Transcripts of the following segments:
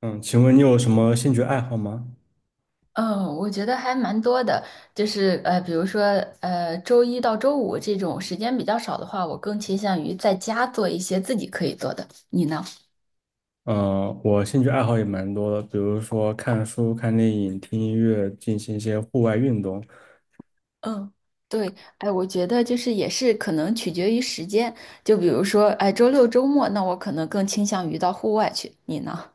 嗯，请问你有什么兴趣爱好吗？嗯，我觉得还蛮多的，就是比如说周一到周五这种时间比较少的话，我更倾向于在家做一些自己可以做的。你呢？嗯，我兴趣爱好也蛮多的，比如说看书、看电影、听音乐，进行一些户外运动。嗯，对，哎，我觉得就是也是可能取决于时间，就比如说，哎，周六周末，那我可能更倾向于到户外去。你呢？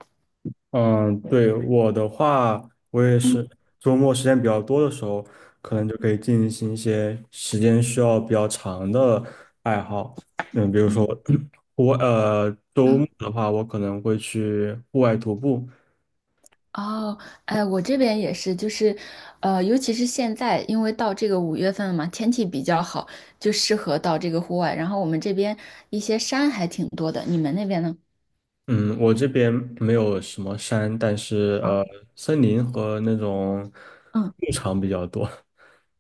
嗯，对，我的话，我也是嗯周末时间比较多的时候，可能就可以进行一些时间需要比较长的爱好。比如嗯。说 户外，周末的话，我可能会去户外徒步，哦，哎，我这边也是，就是，尤其是现在，因为到这个五月份了嘛，天气比较好，就适合到这个户外。然后我们这边一些山还挺多的，你们那边呢？嗯，我这边没有什么山，但是森林和那种嗯，牧场比较多。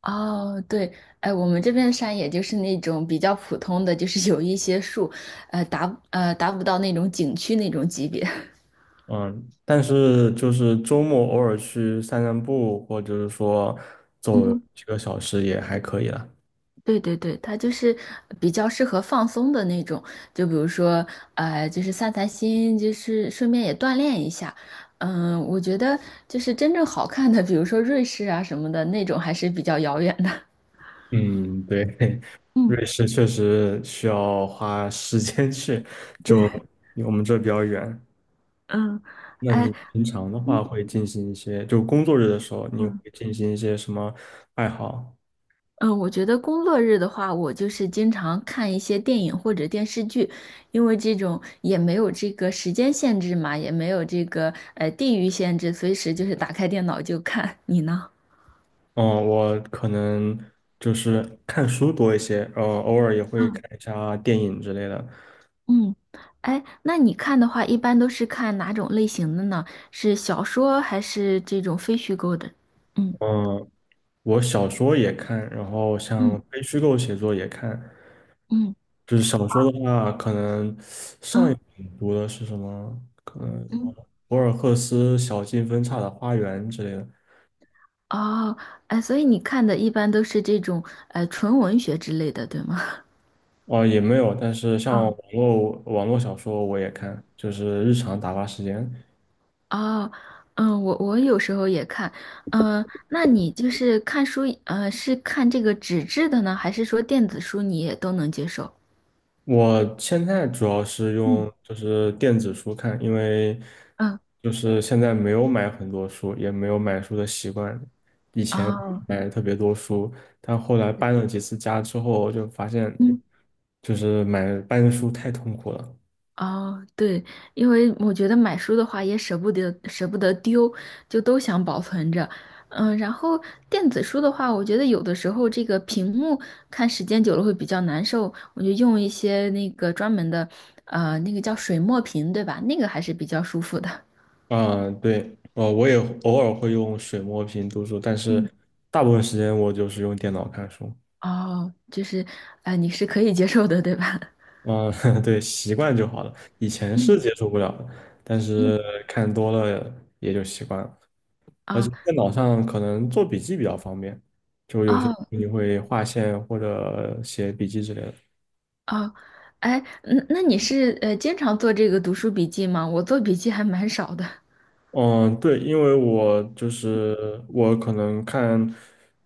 哦，对，哎，我们这边的山也就是那种比较普通的，就是有一些树，达不到那种景区那种级别。嗯，但是就是周末偶尔去散散步，或者是说走 几个小时也还可以了。对对对，它就是比较适合放松的那种，就比如说，就是散散心，就是顺便也锻炼一下。嗯，我觉得就是真正好看的，比如说瑞士啊什么的那种，还是比较遥远的。嗯，对，嗯，瑞士确实需要花时间去，就对，离我们这比较远。嗯，那哎，你平常的话会进行一些，就工作日的时候，你会嗯进行一些什么爱好？嗯，我觉得工作日的话，我就是经常看一些电影或者电视剧，因为这种也没有这个时间限制嘛，也没有这个地域限制，随时就是打开电脑就看。你呢？嗯，我可能就是看书多一些，偶尔也会看一下电影之类的。嗯，哎，那你看的话，一般都是看哪种类型的呢？是小说还是这种非虚构的？嗯嗯，我小说也看，然后像嗯非虚构写作也看。嗯就是小说的话，可能上一嗯本读的是什么？可能什么嗯，博尔赫斯《小径分岔的花园》之类的。哦，哎，所以你看的一般都是这种纯文学之类的，对吗？哦，也没有，但是像网哦 络网络小说我也看，就是日常打发时间。哦，嗯，我有时候也看，嗯、那你就是看书，是看这个纸质的呢，还是说电子书你也都能接受？我现在主要是嗯。用就是电子书看，因为嗯，就是现在没有买很多书，也没有买书的习惯。以前哦，买特别多书，但后来搬了几次家之后，就发现就是买搬书太痛苦了。哦，对，因为我觉得买书的话也舍不得丢，就都想保存着。嗯，然后电子书的话，我觉得有的时候这个屏幕看时间久了会比较难受，我就用一些那个专门的，那个叫水墨屏，对吧？那个还是比较舒服的。啊、对，我也偶尔会用水墨屏读书，但是嗯，大部分时间我就是用电脑看书。哦，就是，你是可以接受的，对吧？嗯，对，习惯就好了。以前是嗯接受不了的，但是嗯，看多了也就习惯了。而且啊，电脑上可能做笔记比较方便，就有些哦你会划线或者写笔记之类的。哦，哎，那你是经常做这个读书笔记吗？我做笔记还蛮少的。嗯，对，因为我就是我可能看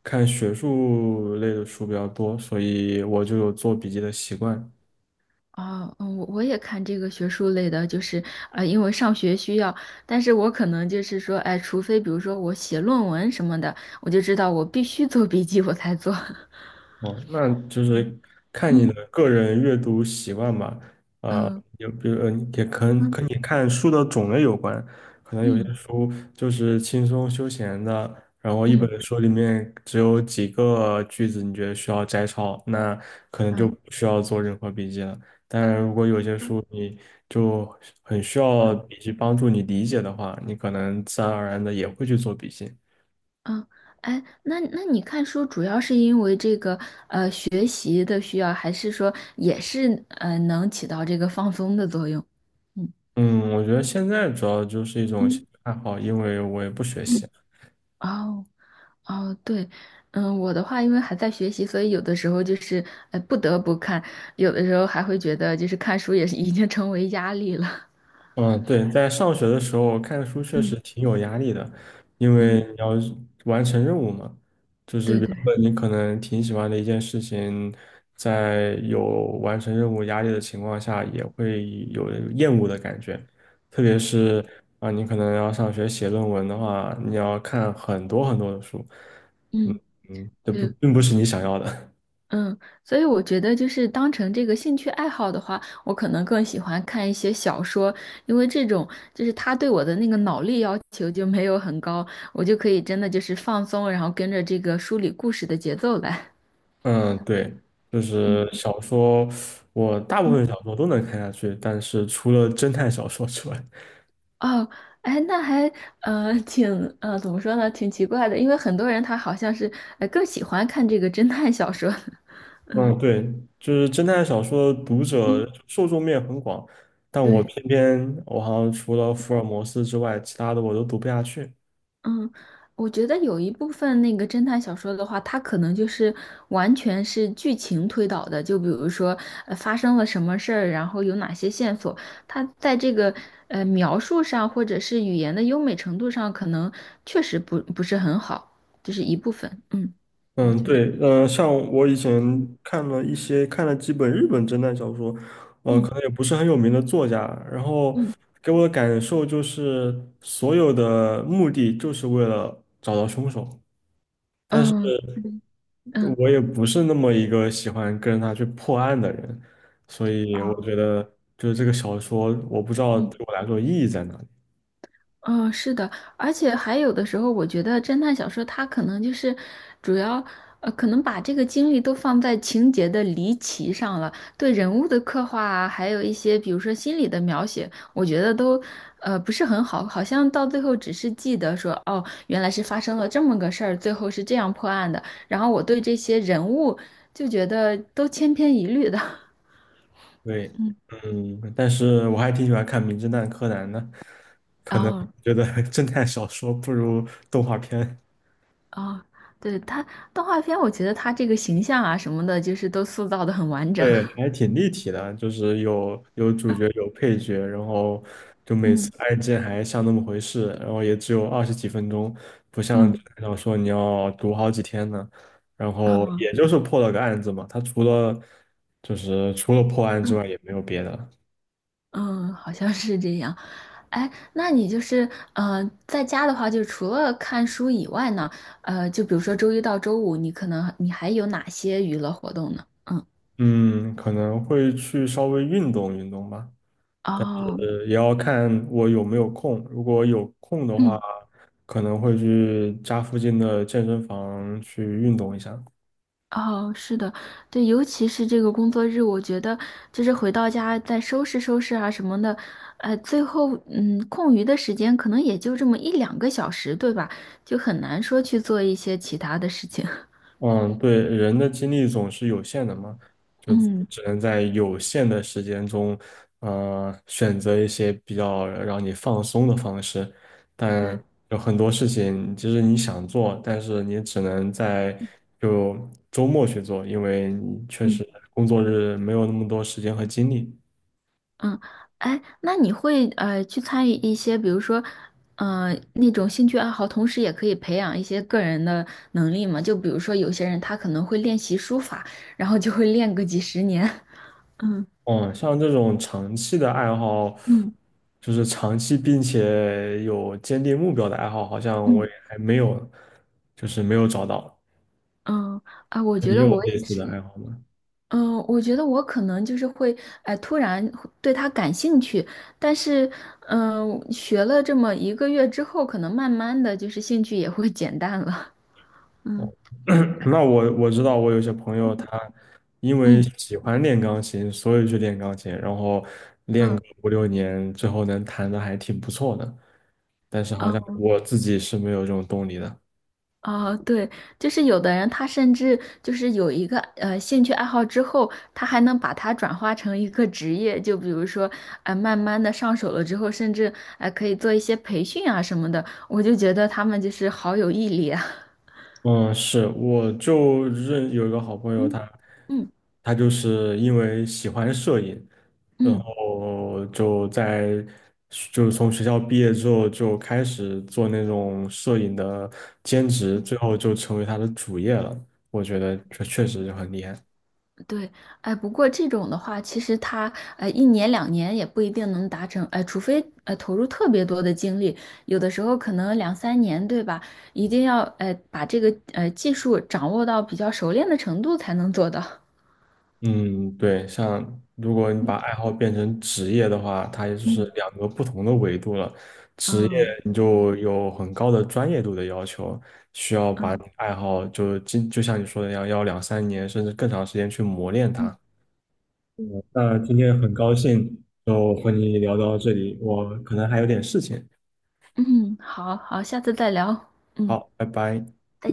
看学术类的书比较多，所以我就有做笔记的习惯。哦，嗯，我也看这个学术类的，就是因为上学需要，但是我可能就是说，哎，除非比如说我写论文什么的，我就知道我必须做笔记，我才做。哦，那就嗯，是看你嗯的个人阅读习惯吧。啊、嗯有比如也可能嗯跟你看书的种类有关，可能有些嗯书就是轻松休闲的，然后一嗯本书里面只有几个句子，你觉得需要摘抄，那可能就嗯不需要做任何笔记了。但然，如果有些书你就很需要笔记帮助你理解的话，你可能自然而然的也会去做笔记。嗯，哎，那你看书主要是因为这个学习的需要，还是说也是能起到这个放松的作用？嗯嗯，我觉得现在主要就是一种兴趣嗯爱好，因为我也不学习。嗯，哦。哦，对，嗯，我的话，因为还在学习，所以有的时候就是，不得不看，有的时候还会觉得，就是看书也是已经成为压力了。嗯，对，在上学的时候看书 确嗯实挺有压力的，因嗯，为你要完成任务嘛。对原对，本你可能挺喜欢的一件事情，在有完成任务压力的情况下，也会有厌恶的感觉。特别是啊，你可能要上学写论文的话，你要看很多很多的书，嗯嗯，这不对，并不是你想要的。嗯，所以我觉得就是当成这个兴趣爱好的话，我可能更喜欢看一些小说，因为这种就是他对我的那个脑力要求就没有很高，我就可以真的就是放松，然后跟着这个书里故事的节奏来。嗯，对，就是嗯小说，我大部嗯，分小说都能看下去，但是除了侦探小说之外，哦，哎，那还呃挺呃怎么说呢，挺奇怪的，因为很多人他好像是更喜欢看这个侦探小说，嗯，嗯对，就是侦探小说的读者嗯，受众面很广，但我对，偏偏我好像除了福尔摩斯之外，其他的我都读不下去。嗯，我觉得有一部分那个侦探小说的话，它可能就是完全是剧情推导的，就比如说发生了什么事儿，然后有哪些线索，它在这个描述上或者是语言的优美程度上，可能确实不是很好，这是一部分，嗯，我嗯，觉得，对，像我以前看了一些，看了几本日本侦探小说，可嗯能也不是很有名的作家，然后嗯。给我的感受就是，所有的目的就是为了找到凶手。嗯，嗯，我也不是那么一个喜欢跟着他去破案的人，所以我啊，觉得就是这个小说，我不知道嗯，对我来说意义在哪里。哦，是的，而且还有的时候，我觉得侦探小说它可能就是主要，可能把这个精力都放在情节的离奇上了，对人物的刻画啊，还有一些比如说心理的描写，我觉得都，不是很好，好像到最后只是记得说，哦，原来是发生了这么个事儿，最后是这样破案的，然后我对这些人物就觉得都千篇一律的，对，嗯，但是我还挺喜欢看《名侦探柯南》的，可然能后。觉得 侦探小说不如动画片。哦，对，他动画片，我觉得他这个形象啊什么的，就是都塑造的很完整。对，还挺立体的，就是有主角有配角，然后就每次嗯案件还像那么回事，然后也只有20几分钟，不像纸嗯质小说你要读好几天呢。然后嗯也就是破了个案子嘛，他除了就是除了破案之嗯外也没有别的。嗯，好像是这样。哎，那你就是在家的话，就除了看书以外呢，就比如说周一到周五，你可能还有哪些娱乐活动呢？嗯，嗯，可能会去稍微运动运动吧，哦，也要看我有没有空。如果有空的话，嗯。可能会去家附近的健身房去运动一下。哦，是的，对，尤其是这个工作日，我觉得就是回到家再收拾收拾啊什么的，最后嗯，空余的时间可能也就这么一两个小时，对吧？就很难说去做一些其他的事情。嗯，对，人的精力总是有限的嘛，就嗯，只能在有限的时间中，选择一些比较让你放松的方式。对，但有很多事情，其实你想做，但是你只能在就周末去做，因为你确嗯实工作日没有那么多时间和精力。嗯，哎，那你会去参与一些，比如说，那种兴趣爱好，同时也可以培养一些个人的能力嘛？就比如说有些人他可能会练习书法，然后就会练个几十年。嗯嗯，像这种长期的爱好，嗯。就是长期并且有坚定目标的爱好，好像我嗯也还没有，就是没有找到。嗯，啊，我那觉你得有我类也似的是，爱好吗？嗯，我觉得我可能就是会，哎，突然会对他感兴趣，但是，嗯，学了这么一个月之后，可能慢慢的就是兴趣也会减淡了。哦，嗯 那我知道，我有些朋友他因为嗯喜欢练钢琴，所以去练钢琴，然后练嗯个五六年，最后能弹的还挺不错的。但是好像嗯，我自己是没有这种动力的。啊，对，就是有的人他甚至就是有一个兴趣爱好之后，他还能把它转化成一个职业，就比如说，哎、慢慢的上手了之后，甚至哎、可以做一些培训啊什么的，我就觉得他们就是好有毅力啊。嗯，是，我就认有一个好朋友嗯他，嗯他就是因为喜欢摄影，然嗯，后就在就从学校毕业之后就开始做那种摄影的兼职，最后就成为他的主业了。我觉得这确实就很厉害。对，哎，不过这种的话，其实他一年两年也不一定能达成，哎，除非投入特别多的精力，有的时候可能两三年，对吧？一定要把这个技术掌握到比较熟练的程度才能做到。嗯，对，像如果你把爱好变成职业的话，它也就是两个不同的维度了。职业你就有很高的专业度的要求，需要把你爱好就今就像你说的一样，要两三年甚至更长时间去磨练嗯它。嗯，那今天很高兴就和你聊到这里，我可能还有点事情，嗯，好好，下次再聊。嗯。好，拜拜。再